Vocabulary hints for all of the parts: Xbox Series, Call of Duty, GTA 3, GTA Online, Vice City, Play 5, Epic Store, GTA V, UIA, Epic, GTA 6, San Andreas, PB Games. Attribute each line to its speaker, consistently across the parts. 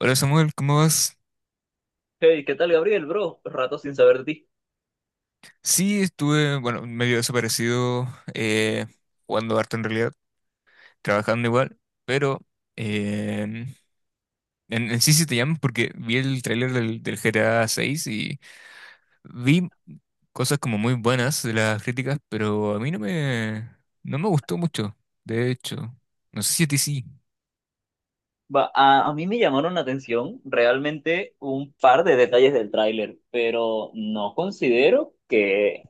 Speaker 1: Hola Samuel, ¿cómo vas?
Speaker 2: Hey, ¿qué tal, Gabriel, bro? Rato sin saber de ti.
Speaker 1: Sí, estuve, bueno, medio desaparecido, eh, jugando harto en realidad, trabajando igual, pero eh, en sí sí te llamo porque vi el tráiler del GTA 6 y vi cosas como muy buenas de las críticas, pero a mí no me, no me gustó mucho, de hecho. No sé si a ti sí,
Speaker 2: Va, a mí me llamaron la atención realmente un par de detalles del tráiler, pero no considero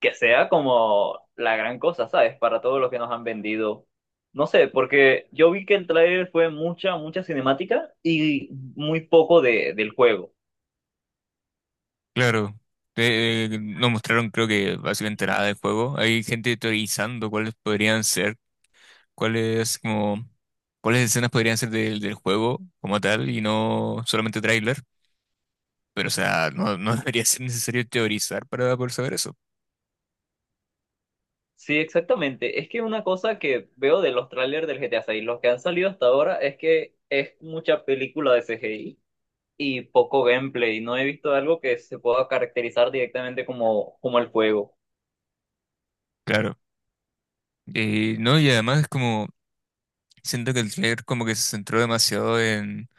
Speaker 2: que sea como la gran cosa, ¿sabes? Para todo lo que nos han vendido. No sé, porque yo vi que el tráiler fue mucha, mucha cinemática y muy poco del juego.
Speaker 1: claro. No mostraron creo que básicamente nada del juego. Hay gente teorizando cuáles podrían ser cuáles como cuáles escenas podrían ser del juego como tal y no solamente tráiler, pero o sea, no debería ser necesario teorizar para poder saber eso.
Speaker 2: Sí, exactamente. Es que una cosa que veo de los trailers del GTA 6, los que han salido hasta ahora, es que es mucha película de CGI y poco gameplay. No he visto algo que se pueda caracterizar directamente como el juego.
Speaker 1: Claro. No, y además es como siento que el trailer como que se centró demasiado en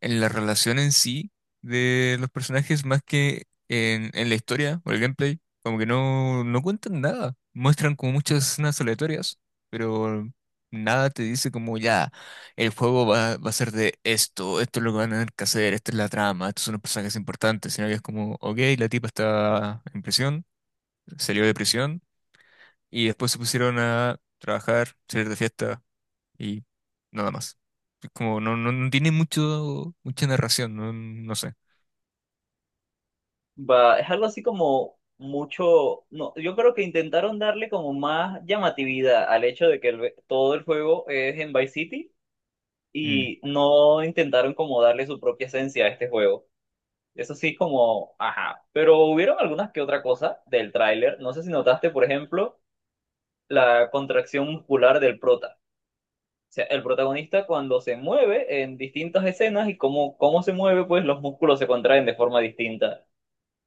Speaker 1: la relación en sí de los personajes más que en la historia o el gameplay. Como que no, no cuentan nada. Muestran como muchas escenas aleatorias, pero nada te dice como ya, el juego va a ser de esto, esto es lo que van a tener que hacer, esta es la trama, estos son los personajes importantes, sino que es como, ok, la tipa está en prisión, salió de prisión y después se pusieron a trabajar, salir de fiesta y nada más. Es como no tiene mucha narración, no, no sé.
Speaker 2: Va, es algo así como mucho, no, yo creo que intentaron darle como más llamatividad al hecho de que todo el juego es en Vice City
Speaker 1: Mm,
Speaker 2: y no intentaron como darle su propia esencia a este juego. Eso sí, como, ajá. Pero hubieron algunas que otra cosa del tráiler. No sé si notaste, por ejemplo, la contracción muscular del prota. Sea, el protagonista cuando se mueve en distintas escenas y cómo se mueve, pues los músculos se contraen de forma distinta.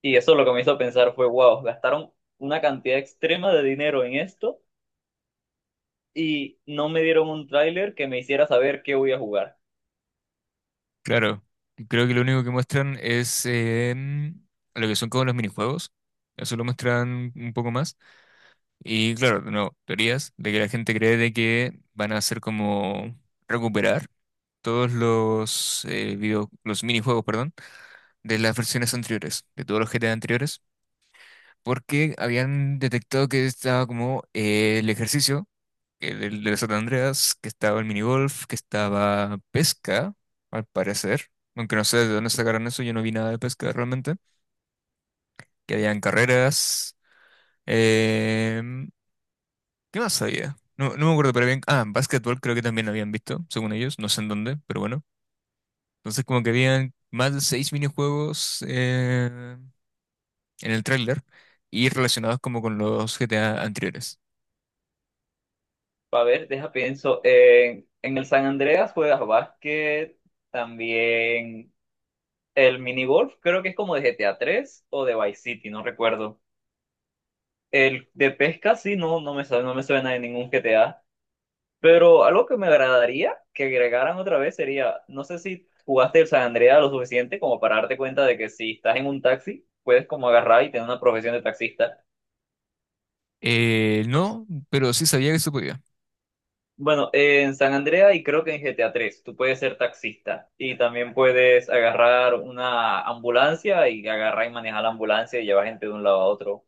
Speaker 2: Y eso lo que me hizo pensar fue, wow, gastaron una cantidad extrema de dinero en esto y no me dieron un tráiler que me hiciera saber qué voy a jugar.
Speaker 1: claro, creo que lo único que muestran es em, lo que son como los minijuegos. Eso lo muestran un poco más. Y claro, de nuevo, teorías de que la gente cree de que van a hacer como recuperar todos los los minijuegos, perdón, de las versiones anteriores, de todos los GTA anteriores, porque habían detectado que estaba como el ejercicio que del San Andreas, que estaba el minigolf, que estaba pesca, al parecer. Aunque no sé de dónde sacaron eso, yo no vi nada de pesca realmente. Que habían carreras. em, ¿Qué más había? No, no me acuerdo, pero bien. Ah, básquetbol creo que también lo habían visto, según ellos. No sé en dónde, pero bueno. Entonces como que habían más de seis minijuegos en el tráiler y relacionados como con los GTA anteriores.
Speaker 2: A ver, deja pienso, en el San Andreas juegas básquet, también el minigolf, creo que es como de GTA 3 o de Vice City, no recuerdo. El de pesca sí, no, no me suena de ningún GTA. Pero algo que me agradaría que agregaran otra vez sería, no sé si jugaste el San Andreas lo suficiente como para darte cuenta de que si estás en un taxi, puedes como agarrar y tener una profesión de taxista.
Speaker 1: No, pero sí sabía que se podía.
Speaker 2: Bueno, en San Andreas y creo que en GTA 3, tú puedes ser taxista y también puedes agarrar una ambulancia y agarrar y manejar la ambulancia y llevar gente de un lado a otro.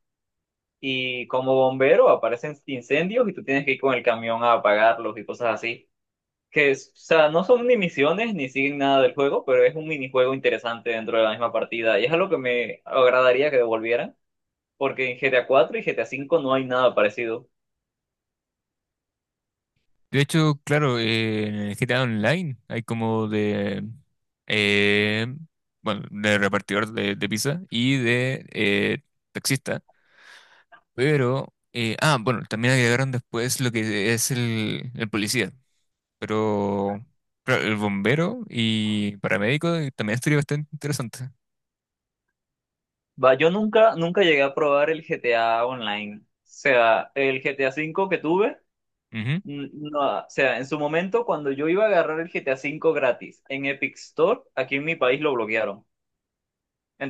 Speaker 2: Y como bombero aparecen incendios y tú tienes que ir con el camión a apagarlos y cosas así. O sea, no son ni misiones ni siguen nada del juego, pero es un minijuego interesante dentro de la misma partida y es algo que me agradaría que devolvieran, porque en GTA 4 y GTA 5 no hay nada parecido.
Speaker 1: De hecho, claro, en el GTA Online hay como eh, bueno, de repartidor de pizza y de taxista, pero, bueno, también agregaron después lo que es el policía, pero claro, el bombero y paramédico también estaría bastante interesante.
Speaker 2: Va, yo nunca, nunca llegué a probar el GTA Online. O sea, el GTA 5 que tuve,
Speaker 1: Ujú.
Speaker 2: no, o sea, en su momento cuando yo iba a agarrar el GTA 5 gratis en Epic Store, aquí en mi país lo bloquearon.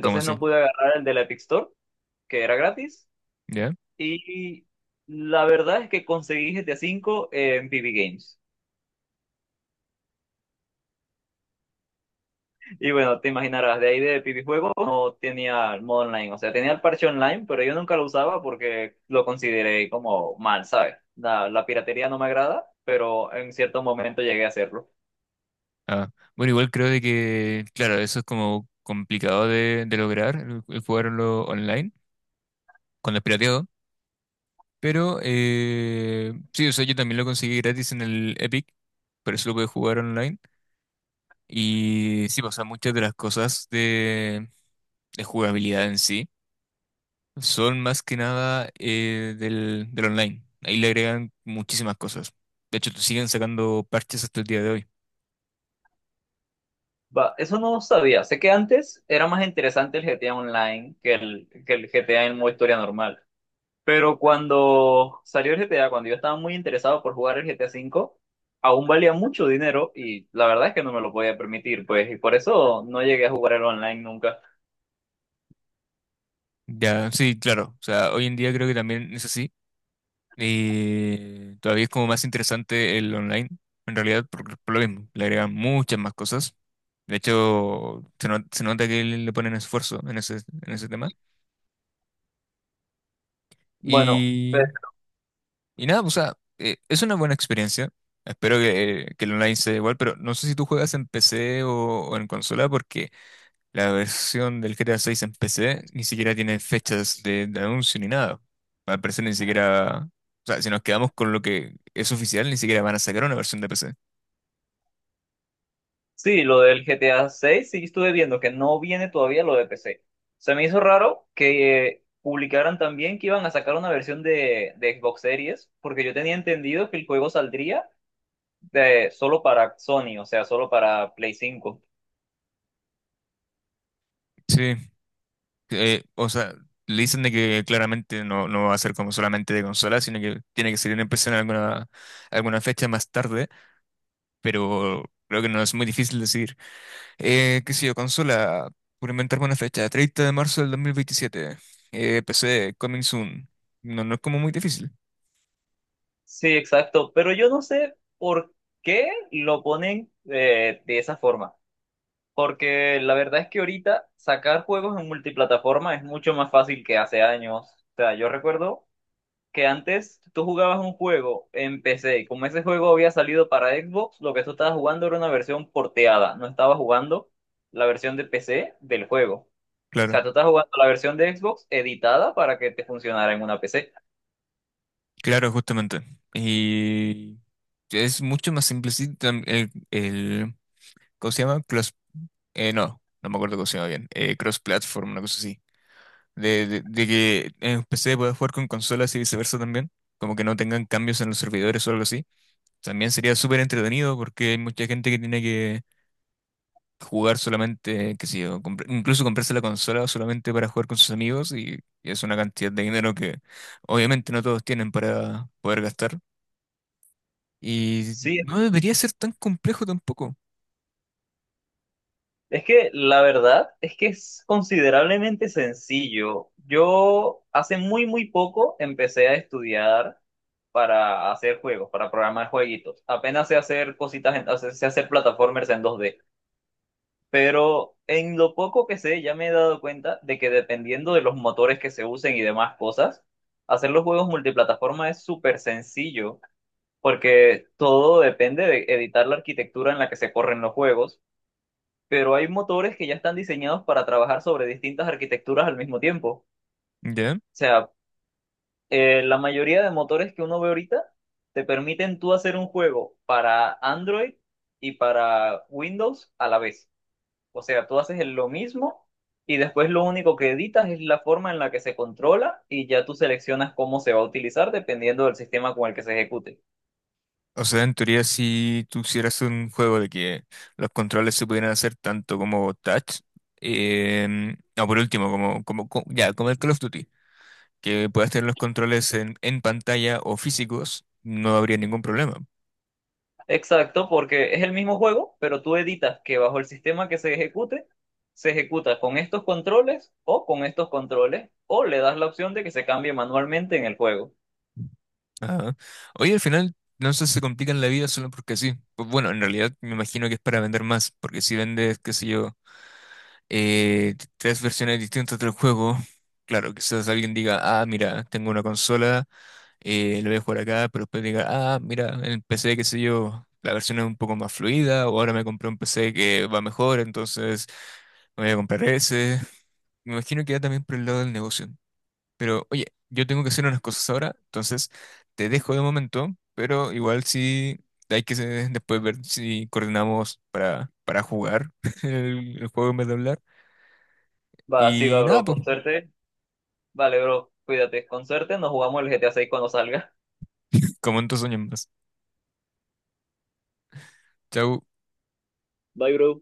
Speaker 1: ¿Cómo así?
Speaker 2: no pude agarrar el de la Epic Store, que era gratis.
Speaker 1: ¿Ya?
Speaker 2: Y la verdad es que conseguí GTA 5 en PB Games. Y bueno, te imaginarás, de ahí de PB Juego no tenía el modo online. O sea, tenía el parche online, pero yo nunca lo usaba porque lo consideré como mal, ¿sabes? La piratería no me agrada, pero en cierto momento llegué a hacerlo.
Speaker 1: Ah, bueno, igual creo de que, claro, eso es como complicado de lograr, el jugarlo online con el pirateado. Pero sí, o sea, yo también lo conseguí gratis en el Epic, por eso lo pude jugar online. Y sí, o sea, muchas de las cosas de jugabilidad en sí son más que nada del online. Ahí le agregan muchísimas cosas. De hecho, siguen sacando parches hasta el día de hoy.
Speaker 2: Va, eso no sabía. Sé que antes era más interesante el GTA Online que el GTA en modo historia normal. Pero cuando salió el GTA, cuando yo estaba muy interesado por jugar el GTA V, aún valía mucho dinero y la verdad es que no me lo podía permitir, pues, y por eso no llegué a jugar el online nunca.
Speaker 1: Ya, sí, claro. O sea, hoy en día creo que también es así. Y todavía es como más interesante el online, en realidad, por lo mismo, le agregan muchas más cosas. De hecho, se, no- se nota que le ponen esfuerzo en en ese tema.
Speaker 2: Bueno, pero
Speaker 1: Y, y nada, o sea, es una buena experiencia. Espero que el online sea igual, pero no sé si tú juegas en PC o en consola. La versión del GTA 6 en PC ni siquiera tiene fechas de anuncio ni nada. Al parecer ni siquiera... O sea, si nos quedamos con lo que es oficial, ni siquiera van a sacar una versión de PC.
Speaker 2: sí, lo del GTA 6 sí estuve viendo que no viene todavía lo de PC. Se me hizo raro que publicaran también que iban a sacar una versión de Xbox Series, porque yo tenía entendido que el juego saldría solo para Sony, o sea, solo para Play 5.
Speaker 1: Sí, o sea, le dicen de que claramente no, no va a ser como solamente de consola, sino que tiene que salir en PC en alguna fecha más tarde, pero creo que no es muy difícil decir. Qué sé yo, consola, por inventarme una fecha, 30 de marzo del 2027, PC, coming soon. No, no es como muy difícil.
Speaker 2: Sí, exacto, pero yo no sé por qué lo ponen de esa forma, porque la verdad es que ahorita sacar juegos en multiplataforma es mucho más fácil que hace años. O sea, yo recuerdo que antes tú jugabas un juego en PC y como ese juego había salido para Xbox, lo que tú estabas jugando era una versión porteada, no estabas jugando la versión de PC del juego. O sea,
Speaker 1: Claro.
Speaker 2: tú estabas jugando la versión de Xbox editada para que te funcionara en una PC.
Speaker 1: Claro, justamente. Y es mucho más simple. Sí, el, ¿cómo se llama? No, no me acuerdo cómo se llama bien. Cross platform, una cosa así. De que en PC puedas jugar con consolas y viceversa también. Como que no tengan cambios en los servidores o algo así. También sería súper entretenido porque hay mucha gente que tiene que jugar solamente, qué sé yo, incluso comprarse la consola solamente para jugar con sus amigos y es una cantidad de dinero que obviamente no todos tienen para poder gastar. Y
Speaker 2: Sí.
Speaker 1: no debería ser tan complejo tampoco,
Speaker 2: Es que la verdad es que es considerablemente sencillo. Yo hace muy, muy poco empecé a estudiar para hacer juegos, para programar jueguitos. Apenas sé hacer cositas, sé hacer plataformers en 2D. Pero en lo poco que sé, ya me he dado cuenta de que dependiendo de los motores que se usen y demás cosas, hacer los juegos multiplataforma es súper sencillo, porque todo depende de editar la arquitectura en la que se corren los juegos pero hay motores que ya están diseñados para trabajar sobre distintas arquitecturas al mismo tiempo.
Speaker 1: ¿ya?
Speaker 2: O sea, la mayoría de motores que uno ve ahorita te permiten tú hacer un juego para Android y para Windows a la vez. O sea, tú haces lo mismo y después lo único que editas es la forma en la que se controla y ya tú seleccionas cómo se va a utilizar dependiendo del sistema con el que se ejecute.
Speaker 1: O sea, en teoría, si tú hicieras un juego de que los controles se pudieran hacer tanto como touch, o por último, ya, como el Call of Duty, que puedas tener los controles en pantalla o físicos, no habría ningún problema.
Speaker 2: Exacto, porque es el mismo juego, pero tú editas que bajo el sistema que se ejecute, se ejecuta con estos controles o con estos controles, o le das la opción de que se cambie manualmente en el juego.
Speaker 1: Ajá. Oye, al final, no sé, si se complican la vida solo porque sí. Pues bueno, en realidad me imagino que es para vender más, porque si vendes, qué sé yo, tres versiones distintas del juego. Claro, quizás alguien diga, ah, mira, tengo una consola, lo voy a jugar acá, pero después diga, ah, mira, en PC, qué sé yo, la versión es un poco más fluida, o ahora me compré un PC que va mejor, entonces me voy a comprar ese. Me imagino que va también por el lado del negocio. Pero oye, yo tengo que hacer unas cosas ahora, entonces te dejo de momento, pero igual sí hay que después ver si coordinamos para jugar el juego en vez de hablar.
Speaker 2: Va, así
Speaker 1: Y
Speaker 2: va,
Speaker 1: nada,
Speaker 2: bro,
Speaker 1: pues,
Speaker 2: con suerte. Vale, bro, cuídate, con suerte, nos jugamos el GTA 6 cuando salga.
Speaker 1: comento sueños más. Chau.
Speaker 2: Bye, bro.